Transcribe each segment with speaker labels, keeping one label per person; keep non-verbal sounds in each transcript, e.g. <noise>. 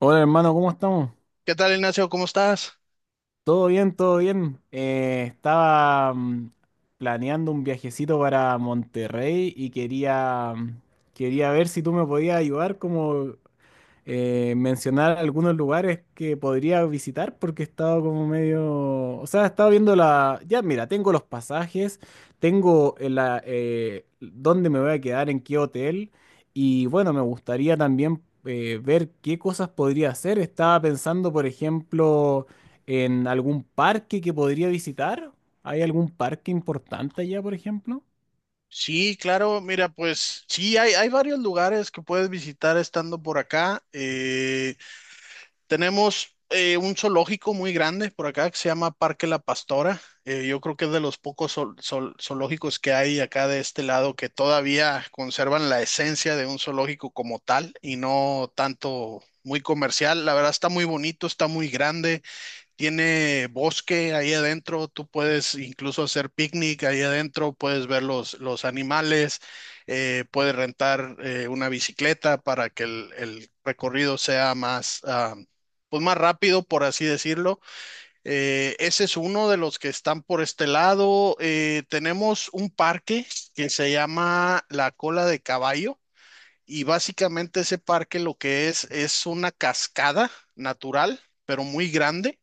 Speaker 1: Hola hermano, ¿cómo estamos?
Speaker 2: ¿Qué tal, Ignacio? ¿Cómo estás?
Speaker 1: Todo bien, todo bien. Planeando un viajecito para Monterrey y quería ver si tú me podías ayudar como mencionar algunos lugares que podría visitar porque he estado como medio, o sea, he estado viendo la, ya mira, tengo los pasajes, tengo la, dónde me voy a quedar, en qué hotel y bueno, me gustaría también ver qué cosas podría hacer. Estaba pensando, por ejemplo, en algún parque que podría visitar. ¿Hay algún parque importante allá, por ejemplo?
Speaker 2: Sí, claro, mira, pues sí, hay varios lugares que puedes visitar estando por acá. Tenemos un zoológico muy grande por acá que se llama Parque La Pastora. Yo creo que es de los pocos zoológicos que hay acá de este lado que todavía conservan la esencia de un zoológico como tal y no tanto muy comercial. La verdad está muy bonito, está muy grande. Tiene bosque ahí adentro, tú puedes incluso hacer picnic ahí adentro, puedes ver los animales, puedes rentar una bicicleta para que el recorrido sea más, pues más rápido, por así decirlo. Ese es uno de los que están por este lado. Tenemos un parque que se llama La Cola de Caballo. Y básicamente ese parque lo que es una cascada natural, pero muy grande,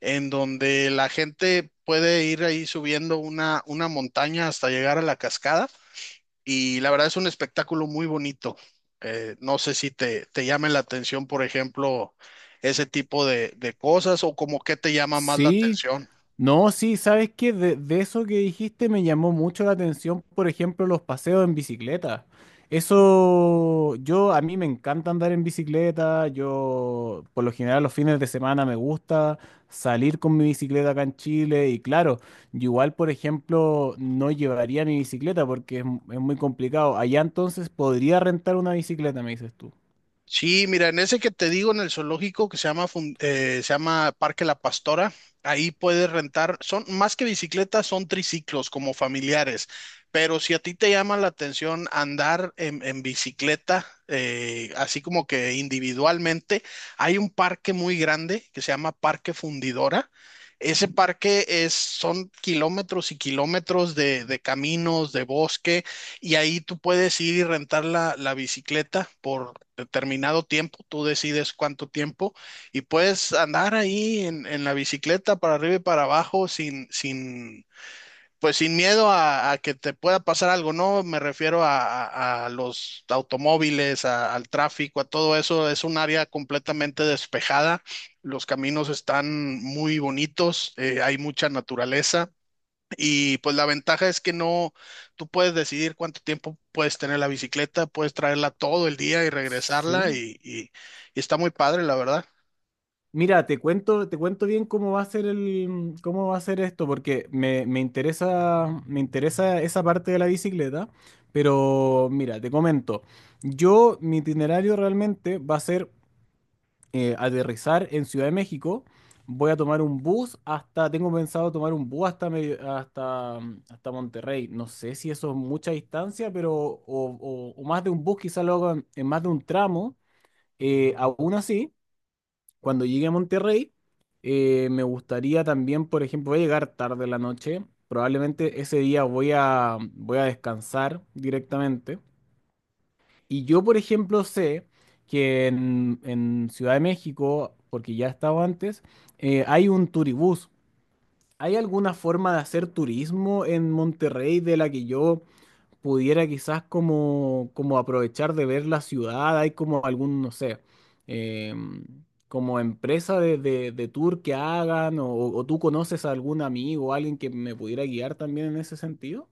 Speaker 2: en donde la gente puede ir ahí subiendo una montaña hasta llegar a la cascada. Y la verdad es un espectáculo muy bonito. No sé si te llame la atención, por ejemplo, ese tipo de cosas o como qué te llama más la
Speaker 1: Sí.
Speaker 2: atención.
Speaker 1: No, sí, ¿sabes qué? De eso que dijiste me llamó mucho la atención, por ejemplo, los paseos en bicicleta. Eso, yo, a mí me encanta andar en bicicleta, yo, por lo general, los fines de semana me gusta salir con mi bicicleta acá en Chile y claro, yo igual, por ejemplo, no llevaría mi bicicleta porque es muy complicado. Allá entonces podría rentar una bicicleta, me dices tú.
Speaker 2: Sí, mira, en ese que te digo, en el zoológico que se llama, se llama Parque La Pastora, ahí puedes rentar, son más que bicicletas, son triciclos como familiares, pero si a ti te llama la atención andar en bicicleta, así como que individualmente, hay un parque muy grande que se llama Parque Fundidora. Ese parque es, son kilómetros y kilómetros de caminos, de bosque y ahí tú puedes ir y rentar la, la bicicleta por determinado tiempo, tú decides cuánto tiempo y puedes andar ahí en la bicicleta para arriba y para abajo sin, sin, pues sin miedo a que te pueda pasar algo, ¿no? Me refiero a los automóviles, a- al tráfico, a todo eso. Es un área completamente despejada. Los caminos están muy bonitos, hay mucha naturaleza. Y pues la ventaja es que no, tú puedes decidir cuánto tiempo puedes tener la bicicleta, puedes traerla todo el día y regresarla
Speaker 1: Sí.
Speaker 2: y está muy padre, la verdad.
Speaker 1: Mira, te cuento bien cómo va a ser el, cómo va a ser esto, porque me, me interesa esa parte de la bicicleta, pero mira, te comento. Yo, mi itinerario realmente va a ser aterrizar en Ciudad de México. Voy a tomar un bus hasta, tengo pensado tomar un bus hasta, hasta, hasta Monterrey. No sé si eso es mucha distancia, pero, o, o más de un bus, quizá lo hago en más de un tramo. Aún así cuando llegue a Monterrey, me gustaría también, por ejemplo, voy a llegar tarde en la noche. Probablemente ese día voy a, voy a descansar directamente. Y yo, por ejemplo, sé que en Ciudad de México, porque ya he estado antes, hay un turibús. ¿Hay alguna forma de hacer turismo en Monterrey de la que yo pudiera quizás como, como aprovechar de ver la ciudad, hay como algún, no sé, em, como empresa de, de tour que hagan, o tú conoces a algún amigo, o alguien que me pudiera guiar también en ese sentido?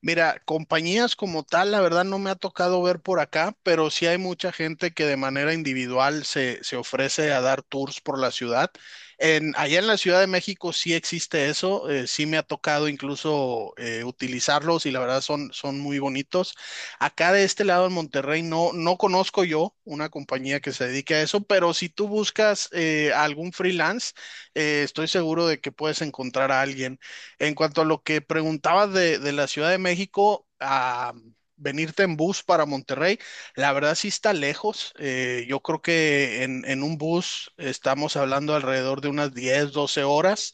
Speaker 2: Mira, compañías como tal, la verdad no me ha tocado ver por acá, pero sí hay mucha gente que de manera individual se ofrece a dar tours por la ciudad. En, allá en la Ciudad de México sí existe eso, sí me ha tocado incluso utilizarlos y la verdad son, son muy bonitos. Acá de este lado en Monterrey no conozco yo una compañía que se dedique a eso, pero si tú buscas algún freelance, estoy seguro de que puedes encontrar a alguien. En cuanto a lo que preguntabas de la Ciudad de México, a venirte en bus para Monterrey, la verdad sí está lejos. Yo creo que en un bus estamos hablando alrededor de unas 10-12 horas.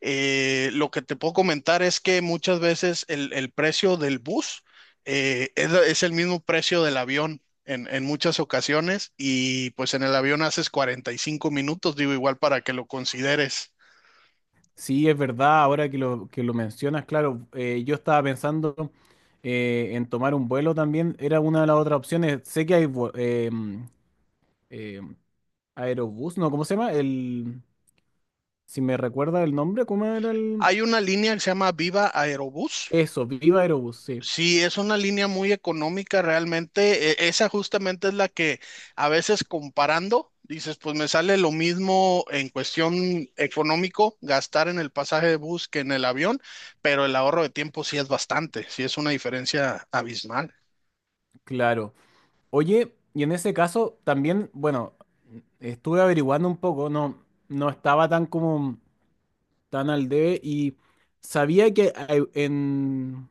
Speaker 2: Lo que te puedo comentar es que muchas veces el precio del bus es el mismo precio del avión. En muchas ocasiones y pues en el avión haces 45 minutos, digo igual para que lo consideres.
Speaker 1: Sí, es verdad, ahora que lo mencionas, claro, yo estaba pensando en tomar un vuelo también, era una de las otras opciones, sé que hay vu- em, em, aerobús, no, ¿cómo se llama? El, si me recuerda el nombre, ¿cómo era el...
Speaker 2: Hay una línea que se llama Viva Aerobús.
Speaker 1: Eso, Viva Aerobús, sí.
Speaker 2: Sí, es una línea muy económica realmente. Esa justamente es la que a veces comparando, dices, pues me sale lo mismo en cuestión económico gastar en el pasaje de bus que en el avión, pero el ahorro de tiempo sí es bastante, sí es una diferencia abismal.
Speaker 1: Claro. Oye, y en ese caso también, bueno, estuve averiguando un poco, no, no estaba tan como tan al debe y sabía que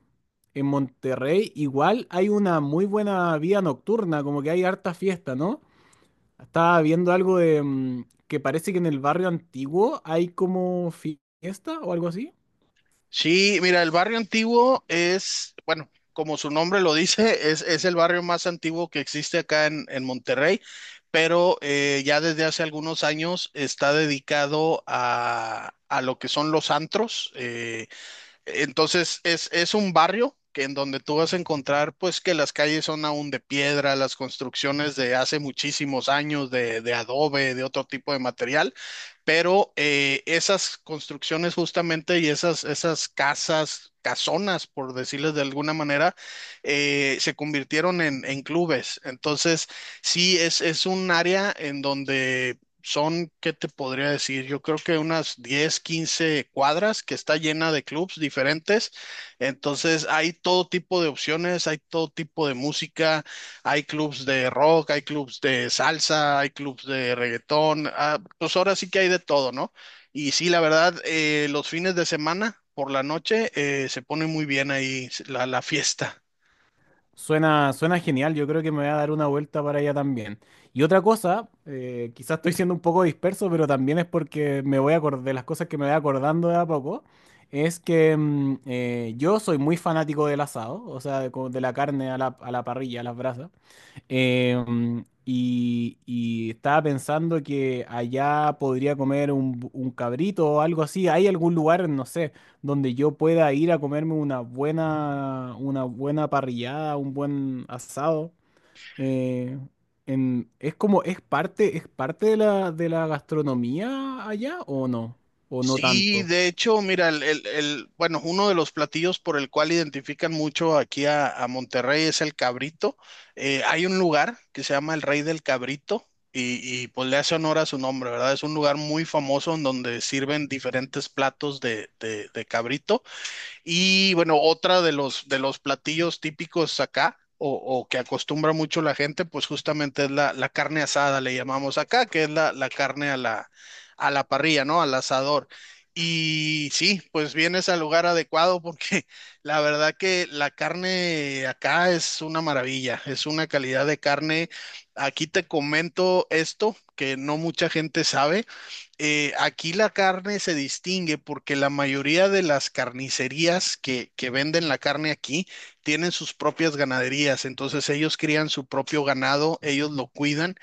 Speaker 1: en Monterrey igual hay una muy buena vida nocturna, como que hay harta fiesta, ¿no? Estaba viendo algo de que parece que en el barrio antiguo hay como fiesta o algo así.
Speaker 2: Sí, mira, el barrio antiguo es, bueno, como su nombre lo dice, es el barrio más antiguo que existe acá en Monterrey, pero ya desde hace algunos años está dedicado a lo que son los antros. Entonces es un barrio que en donde tú vas a encontrar pues que las calles son aún de piedra, las construcciones de hace muchísimos años de adobe, de otro tipo de material, pero esas construcciones justamente y esas casas, casonas, por decirles de alguna manera, se convirtieron en clubes. Entonces sí es un área en donde son, ¿qué te podría decir? Yo creo que unas 10-15 cuadras que está llena de clubs diferentes. Entonces hay todo tipo de opciones, hay todo tipo de música, hay clubs de rock, hay clubs de salsa, hay clubs de reggaetón. Pues ahora sí que hay de todo, ¿no? Y sí, la verdad, los fines de semana por la noche se pone muy bien ahí la fiesta.
Speaker 1: Suena, suena genial, yo creo que me voy a dar una vuelta para allá también. Y otra cosa, quizás estoy siendo un poco disperso, pero también es porque me voy a acordar de las cosas que me voy acordando de a poco, es que yo soy muy fanático del asado, o sea, de, como de la carne a la parrilla, a las brasas. Y, y estaba pensando que allá podría comer un cabrito o algo así. ¿Hay algún lugar, no sé, donde yo pueda ir a comerme una buena parrillada, un buen asado? Eh, es como, es parte de la gastronomía allá o no? ¿O no
Speaker 2: Sí,
Speaker 1: tanto?
Speaker 2: de hecho, mira, bueno, uno de los platillos por el cual identifican mucho aquí a Monterrey es el cabrito. Hay un lugar que se llama el Rey del Cabrito pues le hace honor a su nombre, ¿verdad? Es un lugar muy famoso en donde sirven diferentes platos de cabrito. Y bueno, otra de los platillos típicos acá, o que acostumbra mucho la gente, pues justamente es la, la carne asada, le llamamos acá, que es la, la carne a la parrilla, ¿no? Al asador. Y sí, pues vienes al lugar adecuado porque <laughs> la verdad que la carne acá es una maravilla, es una calidad de carne. Aquí te comento esto que no mucha gente sabe aquí la carne se distingue porque la mayoría de las carnicerías que venden la carne aquí tienen sus propias ganaderías, entonces ellos crían su propio ganado, ellos lo cuidan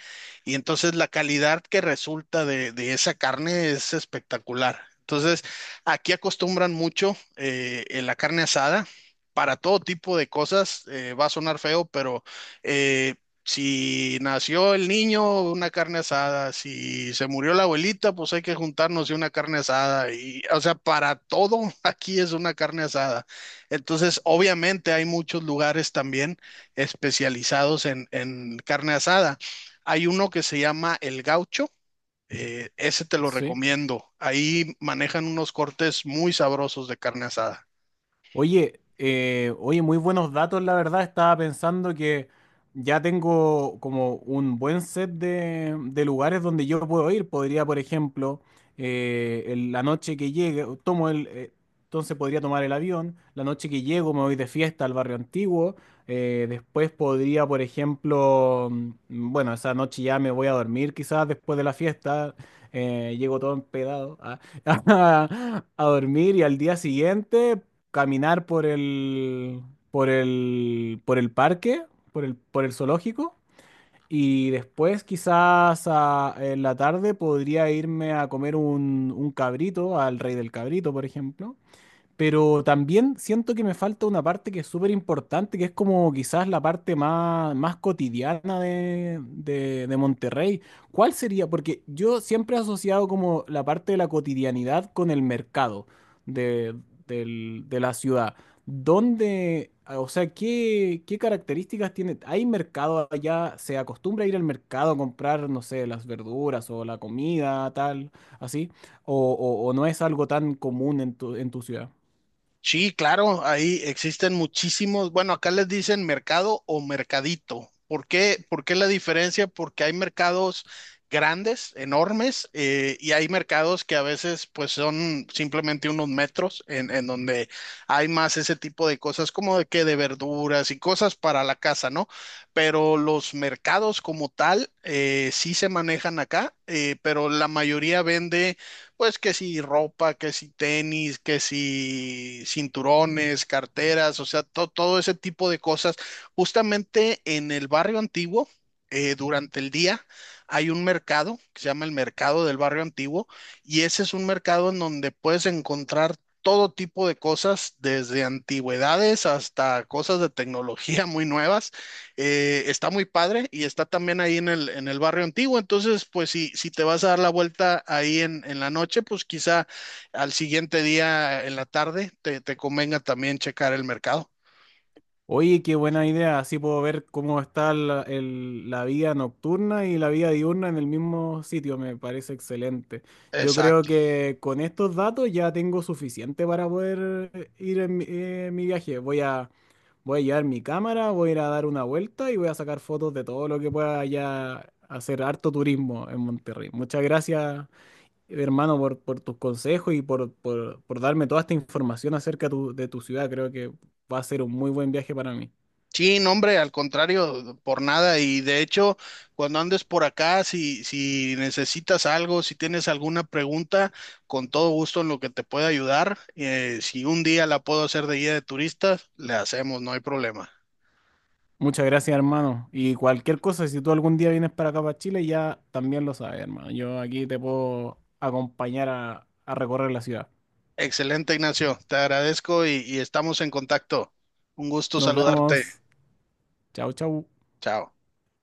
Speaker 2: y entonces la calidad que resulta de esa carne es espectacular. Entonces aquí acostumbran mucho la carne asada. Para todo tipo de cosas, va a sonar feo, pero eh, si nació el niño, una carne asada. Si se murió la abuelita, pues hay que juntarnos y una carne asada. Y, o sea, para todo <laughs> aquí es una carne asada. Entonces, obviamente hay muchos lugares también especializados en carne asada. Hay uno que se llama El Gaucho. Ese te lo
Speaker 1: Sí.
Speaker 2: recomiendo. Ahí manejan unos cortes muy sabrosos de carne asada.
Speaker 1: Oye, oye, muy buenos datos, la verdad. Estaba pensando que ya tengo como un buen set de lugares donde yo puedo ir. Podría, por ejemplo, en la noche que llegue, tomo el, entonces podría tomar el avión. La noche que llego me voy de fiesta al barrio antiguo. Después podría, por ejemplo, bueno, esa noche ya me voy a dormir quizás después de la fiesta. Llego todo empedado. A <laughs> a, dormir y al día siguiente caminar por el, por el, por el parque, por el zoológico, y después quizás en la tarde podría irme a comer un cabrito, al Rey del Cabrito, por ejemplo, pero también siento que me falta una parte que es súper importante, que es como quizás la parte más, más cotidiana de, de Monterrey. ¿Cuál sería? Porque yo siempre he asociado como la parte de la cotidianidad con el mercado de, de la ciudad. ¿Dónde, o sea, qué, qué características tiene? ¿Hay mercado allá? ¿Se acostumbra a ir al mercado a comprar, no sé, las verduras o la comida, tal, así? ¿O, o no es algo tan común en tu ciudad?
Speaker 2: Sí, claro, ahí existen muchísimos, bueno, acá les dicen mercado o mercadito. ¿Por qué? ¿Por qué la diferencia? Porque hay mercados grandes, enormes, y hay mercados que a veces pues son simplemente unos metros en donde hay más ese tipo de cosas como de que de verduras y cosas para la casa, ¿no? Pero los mercados como tal sí se manejan acá, pero la mayoría vende pues que si ropa, que si tenis, que si cinturones, carteras, o sea, todo ese tipo de cosas. Justamente en el barrio antiguo, durante el día, hay un mercado que se llama el mercado del barrio antiguo y ese es un mercado en donde puedes encontrar todo tipo de cosas, desde antigüedades hasta cosas de tecnología muy nuevas. Está muy padre y está también ahí en el barrio antiguo. Entonces, pues si, si te vas a dar la vuelta ahí en la noche, pues quizá al siguiente día en la tarde te convenga también checar el mercado.
Speaker 1: Oye, qué buena idea. Así puedo ver cómo está la, la vida nocturna y la vida diurna en el mismo sitio. Me parece excelente. Yo creo
Speaker 2: Exacto.
Speaker 1: que con estos datos ya tengo suficiente para poder ir en mi, mi viaje. Voy a, voy a llevar mi cámara, voy a ir a dar una vuelta y voy a sacar fotos de todo lo que pueda ya hacer harto turismo en Monterrey. Muchas gracias, hermano, por tus consejos y por darme toda esta información acerca de tu ciudad. Creo que va a ser un muy buen viaje para mí.
Speaker 2: Sí, no, hombre, al contrario, por nada. Y de hecho, cuando andes por acá, si, si necesitas algo, si tienes alguna pregunta, con todo gusto en lo que te pueda ayudar. Si un día la puedo hacer de guía de turistas, le hacemos, no hay problema.
Speaker 1: Muchas gracias, hermano. Y cualquier cosa, si tú algún día vienes para acá, para Chile, ya también lo sabes, hermano. Yo aquí te puedo acompañar a recorrer la ciudad.
Speaker 2: Excelente, Ignacio. Te agradezco y estamos en contacto. Un gusto
Speaker 1: Nos
Speaker 2: saludarte.
Speaker 1: vemos. Chau, chau.
Speaker 2: Chao.